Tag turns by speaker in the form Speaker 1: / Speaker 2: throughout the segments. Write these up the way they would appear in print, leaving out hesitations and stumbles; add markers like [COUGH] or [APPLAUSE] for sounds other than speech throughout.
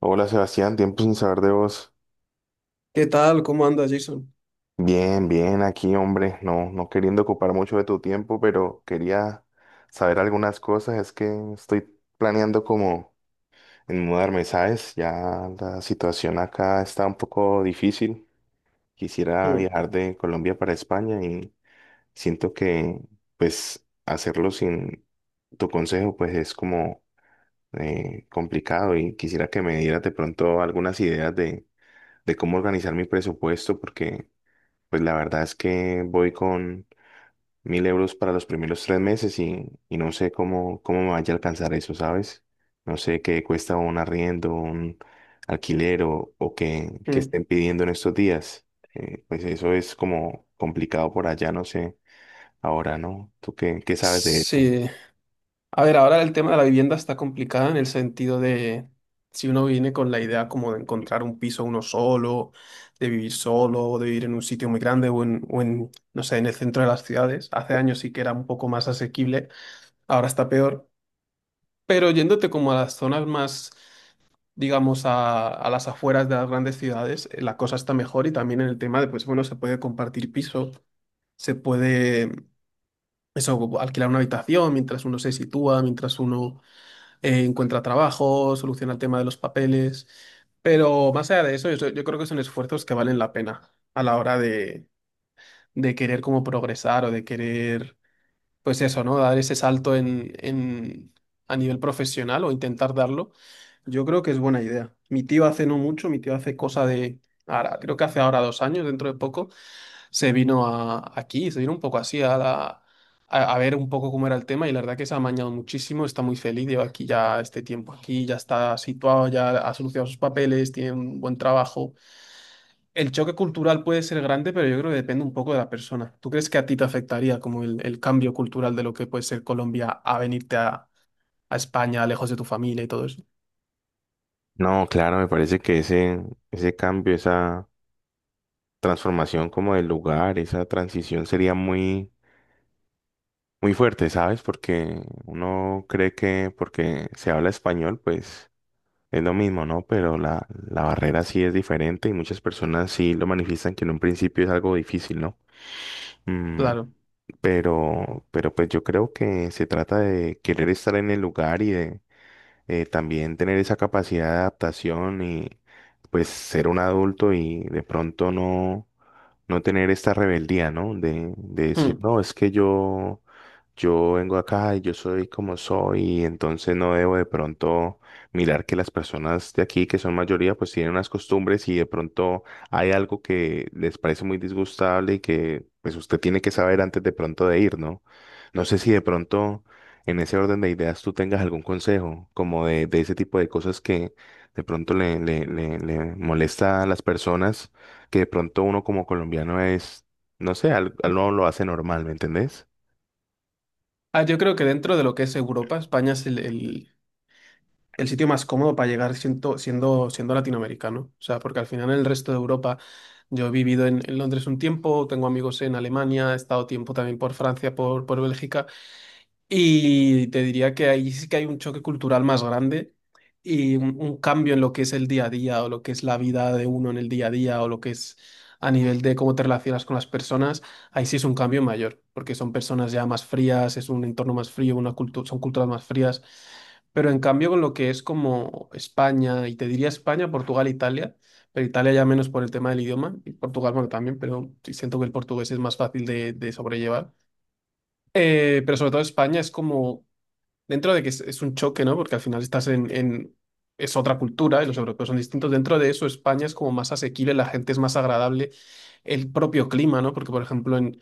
Speaker 1: Hola Sebastián, tiempo sin saber de vos.
Speaker 2: ¿Qué tal? ¿Cómo anda, Jason?
Speaker 1: Bien, bien, aquí hombre, no queriendo ocupar mucho de tu tiempo, pero quería saber algunas cosas. Es que estoy planeando como en mudarme, ¿sabes? Ya la situación acá está un poco difícil. Quisiera
Speaker 2: Mm,
Speaker 1: viajar de Colombia para España y siento que pues hacerlo sin tu consejo pues es como complicado y quisiera que me dieras de pronto algunas ideas de cómo organizar mi presupuesto porque pues la verdad es que voy con 1000 € para los primeros 3 meses y, no sé cómo, cómo me vaya a alcanzar eso, ¿sabes? No sé qué cuesta un arriendo, un alquiler o qué, qué
Speaker 2: mm.
Speaker 1: estén pidiendo en estos días. Pues eso es como complicado por allá, no sé. Ahora, ¿no? ¿Tú qué, qué sabes de eso?
Speaker 2: Sí. A ver, ahora el tema de la vivienda está complicado en el sentido de si uno viene con la idea como de encontrar un piso uno solo, de vivir solo, o de vivir en un sitio muy grande o en, no sé, en el centro de las ciudades. Hace años sí que era un poco más asequible, ahora está peor. Pero yéndote como a las zonas más, digamos, a las afueras de las grandes ciudades, la cosa está mejor y también en el tema de, pues bueno, se puede compartir piso, se puede. Eso, como alquilar una habitación mientras uno se sitúa, mientras uno encuentra trabajo, soluciona el tema de los papeles. Pero más allá de eso, yo creo que son esfuerzos que valen la pena a la hora de querer como progresar o de querer, pues eso, ¿no? Dar ese salto en, a nivel profesional o intentar darlo. Yo creo que es buena idea. Mi tío hace no mucho, mi tío hace cosa de, ahora, creo que hace ahora 2 años, dentro de poco se vino a, aquí, se vino un poco así a, a ver un poco cómo era el tema y la verdad que se ha amañado muchísimo, está muy feliz, lleva aquí ya este tiempo aquí, ya está situado, ya ha solucionado sus papeles, tiene un buen trabajo. El choque cultural puede ser grande, pero yo creo que depende un poco de la persona. ¿Tú crees que a ti te afectaría como el cambio cultural de lo que puede ser Colombia a venirte a España, lejos de tu familia y todo eso?
Speaker 1: No, claro, me parece que ese cambio, esa transformación como del lugar, esa transición sería muy fuerte, ¿sabes? Porque uno cree que porque se habla español, pues es lo mismo, ¿no? Pero la barrera sí es diferente y muchas personas sí lo manifiestan que en un principio es algo difícil, ¿no? Mm,
Speaker 2: Claro.
Speaker 1: pero pues yo creo que se trata de querer estar en el lugar y de también tener esa capacidad de adaptación y pues ser un adulto y de pronto no, no tener esta rebeldía, ¿no? De decir,
Speaker 2: Hmm.
Speaker 1: no, es que yo vengo acá y yo soy como soy y entonces no debo de pronto mirar que las personas de aquí, que son mayoría, pues tienen unas costumbres y de pronto hay algo que les parece muy disgustable y que pues usted tiene que saber antes de pronto de ir, ¿no? No sé si de pronto en ese orden de ideas tú tengas algún consejo, como de ese tipo de cosas que de pronto le molesta a las personas, que de pronto uno como colombiano es, no sé, no lo hace normal, ¿me entendés?
Speaker 2: Yo creo que dentro de lo que es Europa, España es el sitio más cómodo para llegar siendo, siendo, latinoamericano. O sea, porque al final en el resto de Europa yo he vivido en Londres un tiempo, tengo amigos en Alemania, he estado tiempo también por Francia, por Bélgica, y te diría que ahí sí que hay un choque cultural más grande y un cambio en lo que es el día a día o lo que es la vida de uno en el día a día o lo que es a nivel de cómo te relacionas con las personas. Ahí sí es un cambio mayor, porque son personas ya más frías, es un entorno más frío, una son culturas más frías. Pero en cambio con lo que es como España, y te diría España, Portugal, Italia, pero Italia ya menos por el tema del idioma, y Portugal, bueno, también, pero sí siento que el portugués es más fácil de sobrellevar. Pero sobre todo España es como dentro de que es un choque, ¿no? Porque al final estás es otra cultura y los europeos son distintos. Dentro de eso, España es como más asequible, la gente es más agradable, el propio clima, ¿no? Porque, por ejemplo,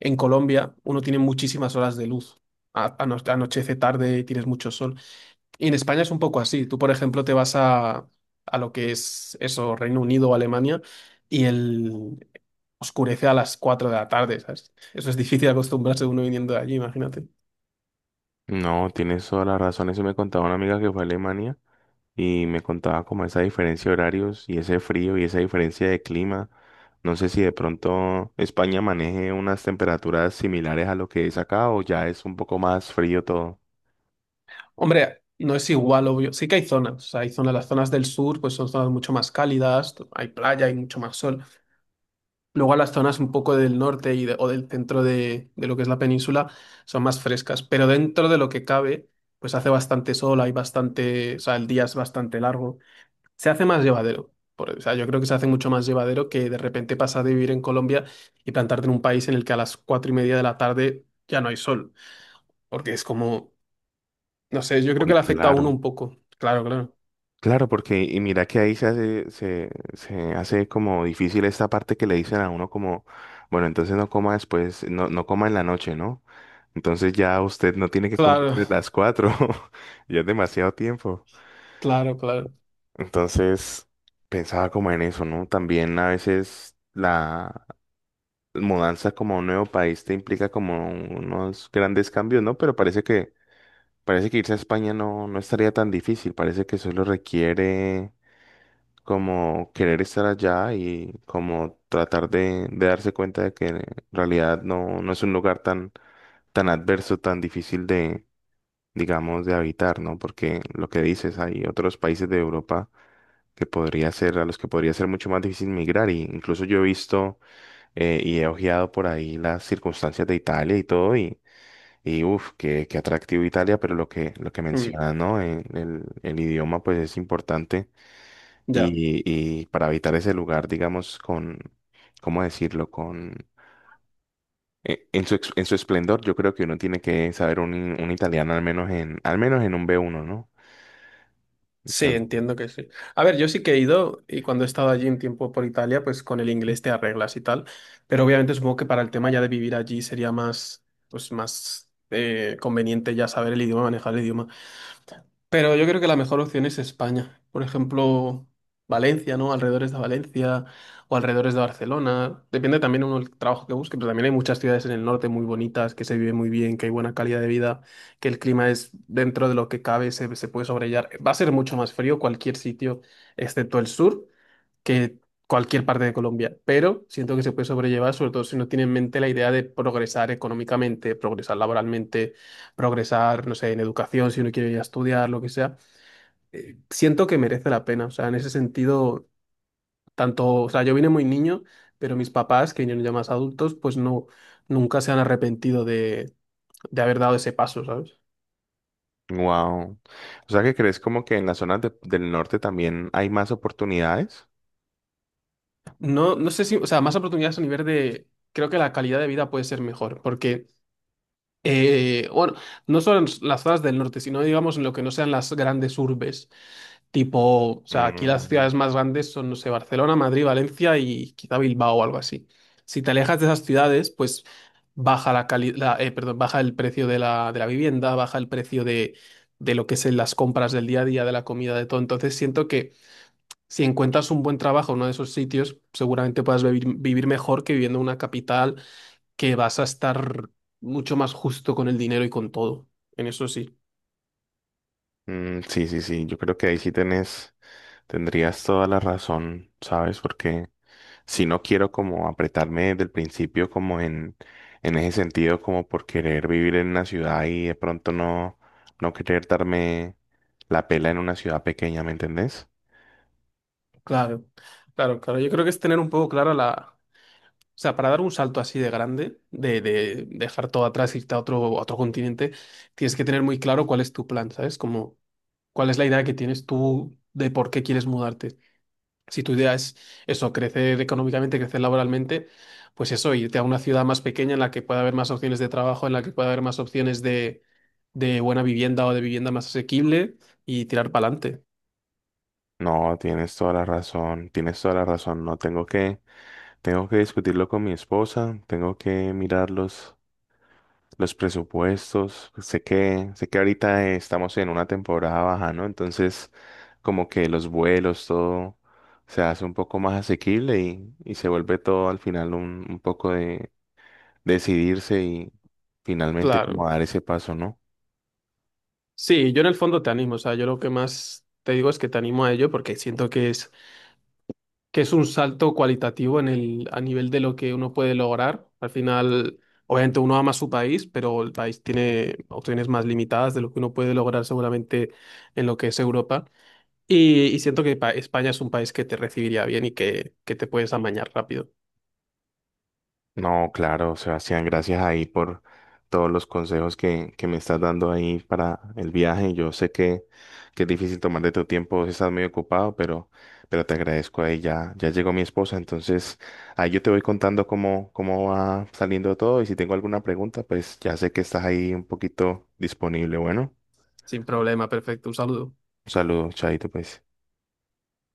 Speaker 2: en Colombia uno tiene muchísimas horas de luz. Anochece tarde, tienes mucho sol. Y en España es un poco así. Tú, por ejemplo, te vas a lo que es eso, Reino Unido o Alemania, y el oscurece a las 4 de la tarde, ¿sabes? Eso es difícil acostumbrarse uno viniendo de allí, imagínate.
Speaker 1: No, tienes toda la razón. Eso me contaba una amiga que fue a Alemania y me contaba como esa diferencia de horarios y ese frío y esa diferencia de clima. No sé si de pronto España maneje unas temperaturas similares a lo que es acá o ya es un poco más frío todo.
Speaker 2: Hombre, no es igual, obvio. Sí que hay zonas. O sea, hay zonas, las zonas del sur, pues son zonas mucho más cálidas, hay playa, hay mucho más sol. Luego a las zonas un poco del norte y o del centro de lo que es la península son más frescas. Pero dentro de lo que cabe, pues hace bastante sol, hay bastante, o sea, el día es bastante largo. Se hace más llevadero. O sea, yo creo que se hace mucho más llevadero que de repente pasar de vivir en Colombia y plantarte en un país en el que a las 4 y media de la tarde ya no hay sol. Porque es como, no sé, yo creo que
Speaker 1: Uy,
Speaker 2: le afecta a uno
Speaker 1: claro.
Speaker 2: un poco. Claro, claro.
Speaker 1: Claro, porque y mira que ahí se hace, se hace como difícil esta parte que le dicen a uno como, bueno, entonces no coma después, no, no coma en la noche, ¿no? Entonces ya usted no tiene que comer [LAUGHS]
Speaker 2: Claro,
Speaker 1: desde las 4, [LAUGHS] ya es demasiado tiempo.
Speaker 2: claro, claro.
Speaker 1: Entonces pensaba como en eso, ¿no? También a veces la mudanza como a un nuevo país te implica como unos grandes cambios, ¿no? Pero parece que irse a España no, no estaría tan difícil, parece que solo requiere como querer estar allá y como tratar de darse cuenta de que en realidad no, no es un lugar tan, tan adverso, tan difícil de, digamos, de habitar, ¿no? Porque lo que dices, hay otros países de Europa que podría ser, a los que podría ser mucho más difícil migrar. Y incluso yo he visto y he ojeado por ahí las circunstancias de Italia y todo, y uff, qué, qué atractivo Italia, pero lo que
Speaker 2: Mm,
Speaker 1: mencionas, ¿no? El idioma pues es importante
Speaker 2: ya,
Speaker 1: y, y para habitar ese lugar, digamos, con, ¿cómo decirlo? Con, en su en su esplendor, yo creo que uno tiene que saber un italiano al menos en un B1, ¿no?
Speaker 2: sí,
Speaker 1: Entonces,
Speaker 2: entiendo que sí. A ver, yo sí que he ido y cuando he estado allí un tiempo por Italia, pues con el inglés te arreglas y tal, pero obviamente supongo que para el tema ya de vivir allí sería más, pues más conveniente ya saber el idioma, manejar el idioma. Pero yo creo que la mejor opción es España. Por ejemplo, Valencia, ¿no? Alrededores de Valencia o alrededores de Barcelona. Depende también uno del trabajo que busque, pero también hay muchas ciudades en el norte muy bonitas, que se vive muy bien, que hay buena calidad de vida, que el clima es dentro de lo que cabe, se puede sobrellevar. Va a ser mucho más frío cualquier sitio, excepto el sur que cualquier parte de Colombia, pero siento que se puede sobrellevar, sobre todo si no tiene en mente la idea de progresar económicamente, progresar laboralmente, progresar, no sé, en educación, si uno quiere ir a estudiar, lo que sea. Siento que merece la pena, o sea, en ese sentido, tanto, o sea, yo vine muy niño, pero mis papás, que vinieron ya más adultos, pues no, nunca se han arrepentido de haber dado ese paso, ¿sabes?
Speaker 1: wow. O sea, ¿que crees como que en las zonas del norte también hay más oportunidades?
Speaker 2: No, no sé si, o sea, más oportunidades a nivel de, creo que la calidad de vida puede ser mejor, porque bueno, no solo en las zonas del norte, sino digamos en lo que no sean las grandes urbes, tipo, o sea, aquí las
Speaker 1: Mm,
Speaker 2: ciudades más grandes son, no sé, Barcelona, Madrid, Valencia y quizá Bilbao o algo así. Si te alejas de esas ciudades, pues baja la la, perdón, baja el precio de la vivienda, baja el precio de lo que es en las compras del día a día, de la comida, de todo. Entonces siento que si encuentras un buen trabajo en uno de esos sitios, seguramente puedas vivir, vivir mejor que viviendo en una capital que vas a estar mucho más justo con el dinero y con todo. En eso sí.
Speaker 1: mm, sí, sí, sí, yo creo que ahí sí tenés, tendrías toda la razón, ¿sabes? Porque si no quiero como apretarme desde el principio como en ese sentido, como por querer vivir en una ciudad y de pronto no, no querer darme la pela en una ciudad pequeña, ¿me entendés?
Speaker 2: Claro, claro, claro. Yo creo que es tener un poco clara la... O sea, para dar un salto así de grande, de dejar todo atrás, irte a otro continente, tienes que tener muy claro cuál es tu plan, ¿sabes? Como cuál es la idea que tienes tú de por qué quieres mudarte. Si tu idea es eso, crecer económicamente, crecer laboralmente, pues eso, irte a una ciudad más pequeña en la que pueda haber más opciones de trabajo, en la que pueda haber más opciones de buena vivienda o de vivienda más asequible y tirar para adelante.
Speaker 1: No, tienes toda la razón, tienes toda la razón, no tengo que, tengo que discutirlo con mi esposa, tengo que mirarlos los presupuestos. Sé que ahorita estamos en una temporada baja, ¿no? Entonces, como que los vuelos, todo se hace un poco más asequible y se vuelve todo al final un poco de decidirse y finalmente como
Speaker 2: Claro.
Speaker 1: dar ese paso, ¿no?
Speaker 2: Sí, yo en el fondo te animo, o sea, yo lo que más te digo es que te animo a ello porque siento que es un salto cualitativo en el, a nivel de lo que uno puede lograr. Al final, obviamente uno ama su país, pero el país tiene opciones más limitadas de lo que uno puede lograr seguramente en lo que es Europa. Y siento que España es un país que te recibiría bien y que te puedes amañar rápido.
Speaker 1: No, claro, Sebastián, gracias ahí por todos los consejos que me estás dando ahí para el viaje. Yo sé que es difícil tomar de tu tiempo, si estás muy ocupado, pero te agradezco ahí. Ya, ya llegó mi esposa, entonces ahí yo te voy contando cómo, cómo va saliendo todo y si tengo alguna pregunta, pues ya sé que estás ahí un poquito disponible. Bueno,
Speaker 2: Sin problema, perfecto. Un saludo.
Speaker 1: un saludo, chaito, pues.